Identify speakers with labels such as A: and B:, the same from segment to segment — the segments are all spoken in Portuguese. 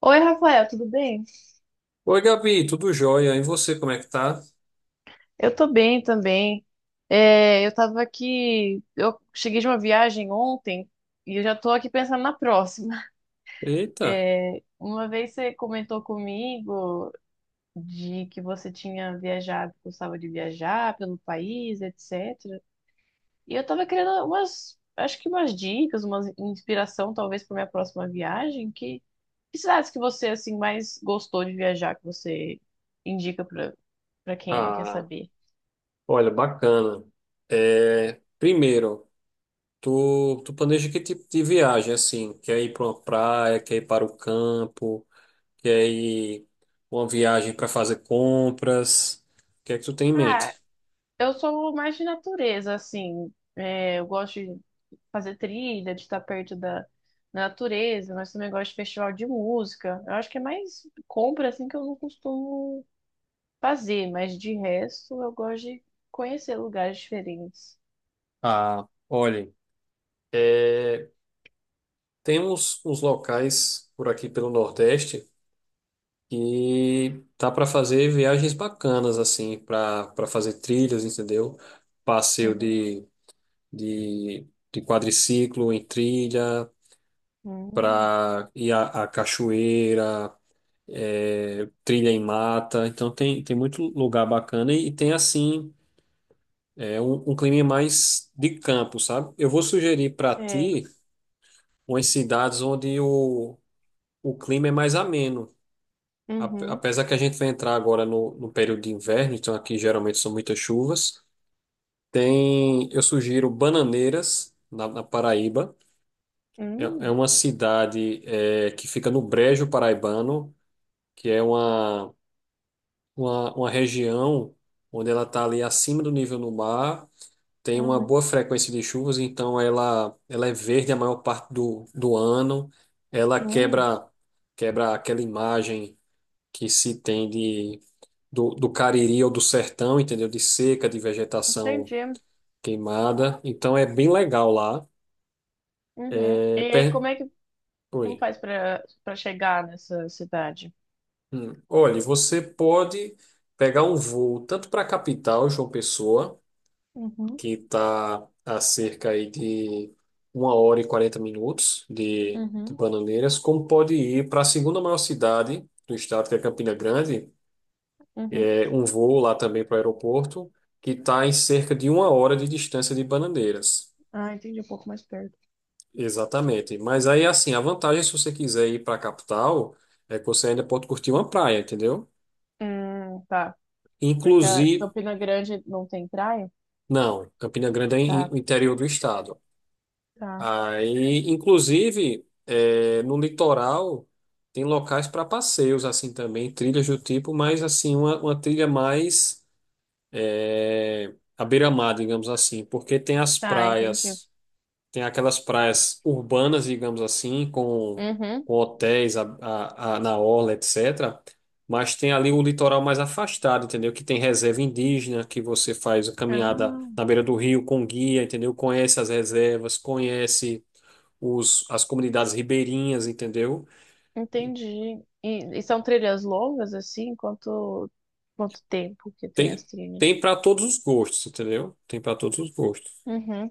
A: Oi, Rafael, tudo bem?
B: Oi, Gabi, tudo jóia? E você, como é que tá?
A: Eu tô bem também. Eu tava aqui, eu cheguei de uma viagem ontem e eu já tô aqui pensando na próxima.
B: Eita!
A: Uma vez você comentou comigo de que você tinha viajado, gostava de viajar pelo país, etc. E eu tava querendo umas, acho que umas dicas, uma inspiração talvez para minha próxima viagem. Que cidades que você assim mais gostou de viajar, que você indica para quem quer
B: Ah,
A: saber?
B: olha, bacana. É, primeiro, tu planeja que tipo de viagem, assim? Quer ir para uma praia, quer ir para o campo, quer ir uma viagem para fazer compras? O que é que tu tem em
A: Ah.
B: mente?
A: Eu sou mais de natureza, assim. Eu gosto de fazer trilha, de estar perto da natureza, mas também gosto de festival de música. Eu acho que é mais compra, assim, que eu não costumo fazer, mas de resto eu gosto de conhecer lugares diferentes.
B: Ah, olha, é, temos uns locais por aqui pelo Nordeste e tá para fazer viagens bacanas, assim, para fazer trilhas, entendeu? Passeio
A: Uhum.
B: de quadriciclo em trilha,
A: Hum.
B: para ir à cachoeira, é, trilha em mata. Então tem muito lugar bacana e, tem, assim, é, um clima mais de campo, sabe? Eu vou sugerir para
A: É.
B: ti umas cidades onde o clima é mais ameno.
A: Uhum.
B: Apesar que a gente vai entrar agora no período de inverno, então aqui geralmente são muitas chuvas. Tem, eu sugiro Bananeiras, na Paraíba. É
A: Hum.
B: uma cidade é, que fica no Brejo Paraibano, que é uma região onde ela está ali acima do nível do mar, tem uma
A: Uhum.
B: boa frequência de chuvas, então ela é verde a maior parte do ano. Ela
A: Hum.
B: quebra aquela imagem que se tem de do Cariri ou do sertão, entendeu? De seca, de vegetação
A: Entendi.
B: queimada. Então é bem legal lá.
A: Uhum. E
B: É,
A: aí, como
B: per...
A: é que como
B: Oi.
A: faz para chegar nessa cidade?
B: Hum. Olha, você pode pegar um voo tanto para a capital, João Pessoa,
A: Uhum.
B: que está a cerca aí de uma hora e 40 minutos de
A: Uhum.
B: Bananeiras, como pode ir para a segunda maior cidade do estado, que é Campina Grande,
A: Uhum.
B: é um voo lá também para o aeroporto, que está em cerca de uma hora de distância de Bananeiras.
A: Ah, entendi, um pouco mais perto.
B: Exatamente. Mas aí, assim, a vantagem, se você quiser ir para a capital, é que você ainda pode curtir uma praia, entendeu?
A: Tá. Porque a
B: Inclusive,
A: Campina Grande não tem praia?
B: não, Campina Grande é
A: Tá,
B: o interior do estado.
A: tá.
B: Aí, inclusive, é, no litoral, tem locais para passeios, assim, também, trilhas do tipo, mas, assim, uma trilha mais é, à beira-mar, digamos assim, porque tem as
A: Tá, entendi.
B: praias. Tem aquelas praias urbanas, digamos assim,
A: Uhum.
B: com hotéis na orla, etc. Mas tem ali o litoral mais afastado, entendeu? Que tem reserva indígena, que você faz a caminhada
A: Ah,
B: na beira do rio com guia, entendeu? Conhece as reservas, conhece as comunidades ribeirinhas, entendeu?
A: entendi. E são trilhas longas, assim? Quanto tempo que tem
B: Tem,
A: as trilhas?
B: tem para todos os gostos, entendeu? Tem para todos os gostos.
A: Uhum,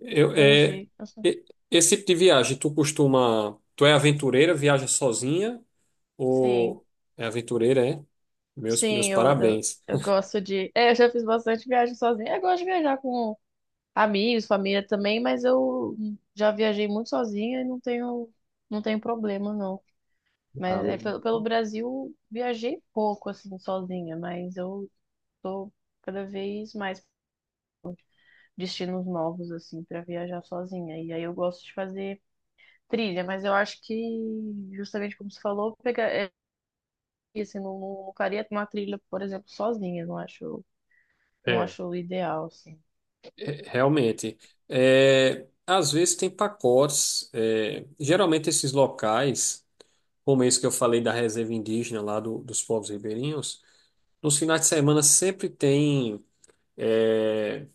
B: Eu, é,
A: entendi.
B: e- Esse tipo de viagem, tu costuma. Tu é aventureira, viaja sozinha?
A: Sim,
B: O É aventureira, é? Meus
A: sim,
B: parabéns.
A: eu gosto de. É, eu já fiz bastante viagem sozinha. Eu gosto de viajar com amigos, família também, mas eu já viajei muito sozinha e não tenho, não tenho problema, não. Mas
B: Ah,
A: é, pelo Brasil viajei pouco, assim, sozinha, mas eu tô cada vez mais destinos novos, assim, para viajar sozinha. E aí eu gosto de fazer trilha, mas eu acho que, justamente como você falou, pegar, é, assim, não, não faria uma trilha, por exemplo, sozinha, não acho, não
B: é.
A: acho o ideal, assim.
B: É, realmente. É, às vezes tem pacotes. É, geralmente esses locais, como esse que eu falei da reserva indígena lá dos povos ribeirinhos, nos finais de semana sempre tem. É,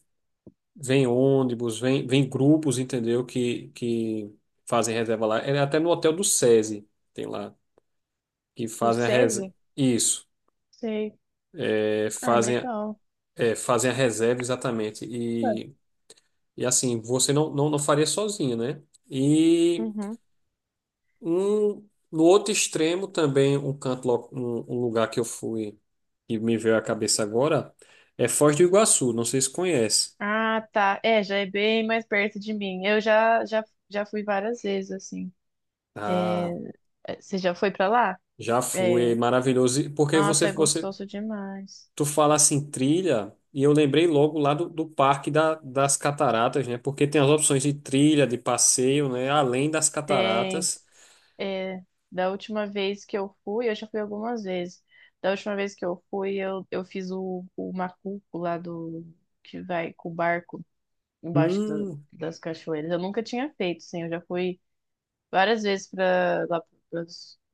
B: vem ônibus, vem grupos, entendeu? Que fazem reserva lá. É até no hotel do SESI tem lá, que
A: O
B: fazem a reserva.
A: SESI?
B: Isso.
A: Sei.
B: É,
A: Ah,
B: fazem.
A: legal.
B: É, fazem a reserva exatamente.
A: Tá.
B: E assim, você não faria sozinho, né? E
A: Uhum.
B: no outro extremo também, um canto, um lugar que eu fui e me veio à cabeça agora é Foz do Iguaçu. Não sei se conhece.
A: Ah, tá. É, já é bem mais perto de mim. Eu já, já fui várias vezes, assim. É,
B: Ah,
A: Você já foi pra lá?
B: já fui,
A: É,
B: é maravilhoso. E porque
A: nossa, é gostoso demais.
B: tu fala assim, trilha, e eu lembrei logo lá do Parque das Cataratas, né? Porque tem as opções de trilha, de passeio, né? Além das
A: Tem.
B: cataratas.
A: é, Da última vez que eu fui, eu já fui algumas vezes. Da última vez que eu fui, eu fiz o macuco lá do. Que vai com o barco embaixo do-
B: Hum,
A: das cachoeiras. Eu nunca tinha feito, sim. Eu já fui várias vezes pra, lá para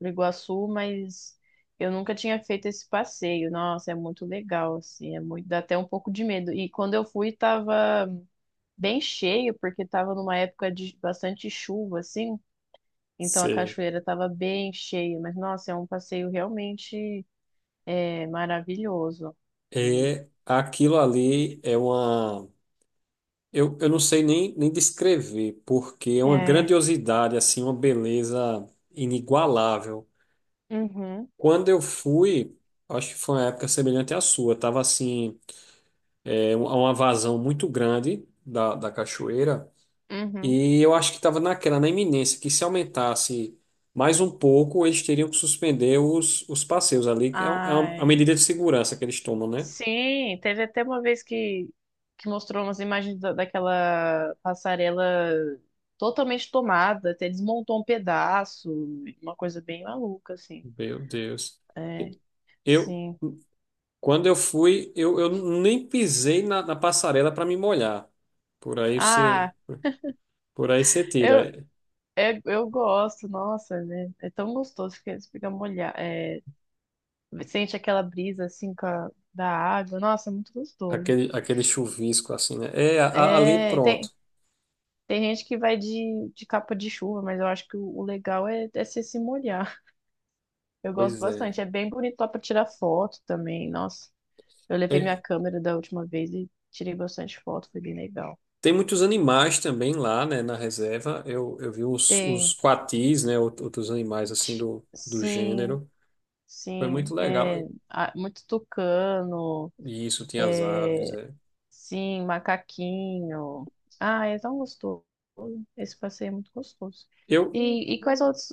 A: Iguaçu, mas eu nunca tinha feito esse passeio. Nossa, é muito legal, assim. É muito, dá até um pouco de medo. E quando eu fui, tava bem cheio, porque estava numa época de bastante chuva, assim, então a
B: sei.
A: cachoeira estava bem cheia, mas nossa, é um passeio realmente, é, maravilhoso.
B: É, aquilo ali é uma. Eu não sei nem descrever, porque é uma
A: É,
B: grandiosidade, assim, uma beleza inigualável.
A: uhum,
B: Quando eu fui, acho que foi uma época semelhante à sua, tava assim, é, uma vazão muito grande da cachoeira,
A: uhum.
B: e eu acho que estava naquela, na iminência, que se aumentasse mais um pouco, eles teriam que suspender os passeios ali, que é, é uma
A: Ai,
B: medida de segurança que eles tomam, né?
A: sim, teve até uma vez que mostrou umas imagens da- daquela passarela totalmente tomada, até desmontou um pedaço, uma coisa bem maluca, assim.
B: Meu Deus.
A: É,
B: Eu,
A: sim.
B: Quando eu fui, eu nem pisei na passarela para me molhar. Por aí você,
A: Ah,
B: por aí você
A: eu,
B: tira
A: É, eu gosto, nossa, né? É tão gostoso que eles ficam molhados. É, sente aquela brisa assim com a- da água. Nossa, é muito gostoso.
B: aquele chuvisco assim, né? É, ali
A: É, tem,
B: pronto.
A: tem gente que vai de capa de chuva, mas eu acho que o legal é, é se molhar. Eu gosto
B: Pois é.
A: bastante. É bem bonito lá pra tirar foto também. Nossa, eu levei
B: É,
A: minha câmera da última vez e tirei bastante foto, foi bem legal.
B: tem muitos animais também lá, né, na reserva. Eu vi os
A: Tem,
B: quatis, né, outros animais assim
A: t-
B: do
A: sim,
B: gênero. Foi muito
A: sim. É,
B: legal.
A: ah, muito tucano.
B: Isso, tinha as aves, é.
A: Sim, macaquinho. Ah, é tão gostoso. Esse passeio é muito gostoso.
B: Eu,
A: E quais outros?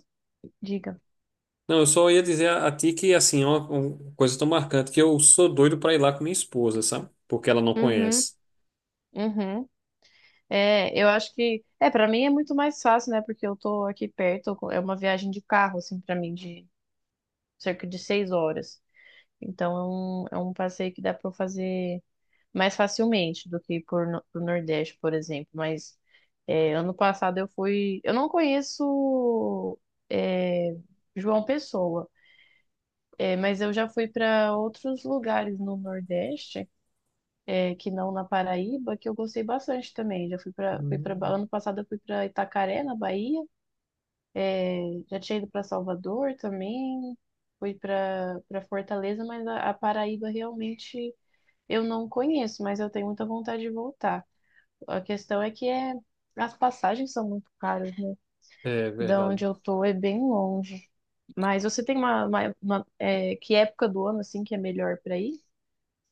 A: Diga.
B: não, eu só ia dizer a ti que, assim, é uma coisa tão marcante que eu sou doido para ir lá com minha esposa, sabe? Porque ela não
A: Uhum,
B: conhece.
A: uhum. É, eu acho que. É, para mim é muito mais fácil, né? Porque eu tô aqui perto. É uma viagem de carro, assim, para mim, de cerca de 6 horas. Então é um passeio que dá para eu fazer mais facilmente do que por, no- pro Nordeste, por exemplo. Mas é, ano passado eu fui. Eu não conheço. É, João Pessoa. É, mas eu já fui para outros lugares no Nordeste, é, que não na Paraíba, que eu gostei bastante também. Já fui para, fui para,
B: Hum,
A: ano passado eu fui para Itacaré, na Bahia. É, já tinha ido para Salvador também, fui para Fortaleza, mas a Paraíba realmente eu não conheço, mas eu tenho muita vontade de voltar. A questão é que é, as passagens são muito caras, né?
B: É
A: Da onde
B: verdade.
A: eu tô é bem longe. Mas você tem uma, é, que época do ano assim que é melhor para ir?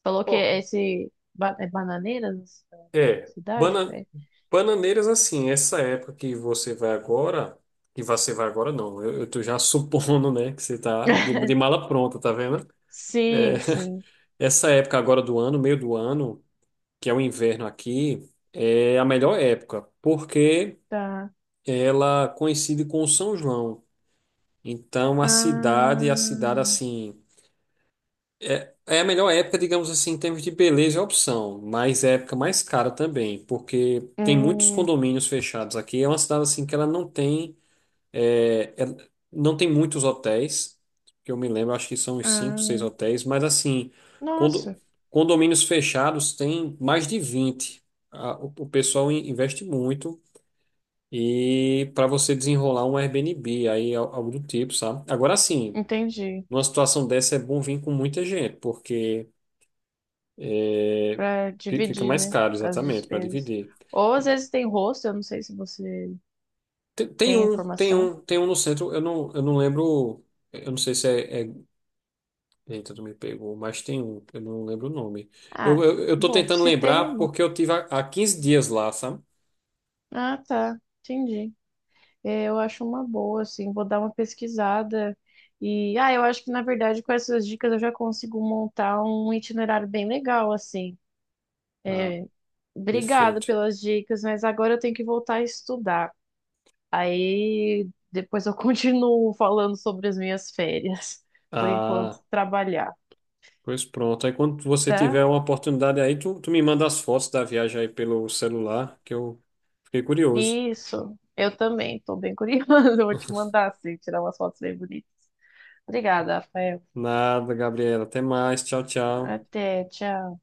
A: Falou que
B: Ó,
A: é esse é Bananeiras, a
B: é,
A: cidade, é?
B: Bananeiras assim, essa época que você vai agora, que você vai agora não, eu tô já supondo, né, que você tá de, de mala pronta, tá vendo? É,
A: Sim, sim,
B: essa época agora do ano, meio do ano, que é o inverno aqui, é a melhor época, porque
A: tá.
B: ela coincide com o São João. Então a cidade
A: Ah,
B: assim, é a melhor época, digamos assim, em termos de beleza e opção, mas é a época mais cara também, porque tem muitos
A: hum,
B: condomínios fechados aqui. É uma cidade assim que ela não tem, é, ela não tem muitos hotéis, que eu me lembro, acho que são uns 5, 6
A: ah,
B: hotéis, mas assim, condo-
A: nossa,
B: condomínios fechados tem mais de 20. O pessoal investe muito e para você desenrolar um Airbnb, aí algo do tipo, sabe? Agora sim,
A: entendi.
B: numa situação dessa é bom vir com muita gente, porque é,
A: Pra
B: fica
A: dividir,
B: mais
A: né,
B: caro,
A: as
B: exatamente, para
A: despesas.
B: dividir.
A: Ou às vezes tem rosto, eu não sei se você
B: Tem, tem
A: tem
B: um, tem
A: informação.
B: um, tem um no centro, eu não lembro, eu não sei se é. Eita, tu me pegou, mas tem um, eu não lembro o nome. Eu,
A: Ah,
B: eu, eu tô
A: bom,
B: tentando
A: se tem, é
B: lembrar
A: bom.
B: porque eu tive há 15 dias lá, sabe?
A: Ah, tá, entendi. É, eu acho uma boa, assim, vou dar uma pesquisada. E, ah, eu acho que, na verdade, com essas dicas eu já consigo montar um itinerário bem legal, assim.
B: Ah,
A: Obrigada
B: perfeito.
A: pelas dicas, mas agora eu tenho que voltar a estudar. Aí depois eu continuo falando sobre as minhas férias. Por enquanto,
B: Ah,
A: trabalhar,
B: pois pronto. Aí quando você
A: tá?
B: tiver uma oportunidade aí, tu me manda as fotos da viagem aí pelo celular, que eu fiquei curioso.
A: Isso, eu também, tô bem curiosa. Eu vou te mandar, assim, tirar umas fotos bem bonitas. Obrigada, Rafael.
B: Nada, Gabriela. Até mais. Tchau, tchau.
A: Até, tchau.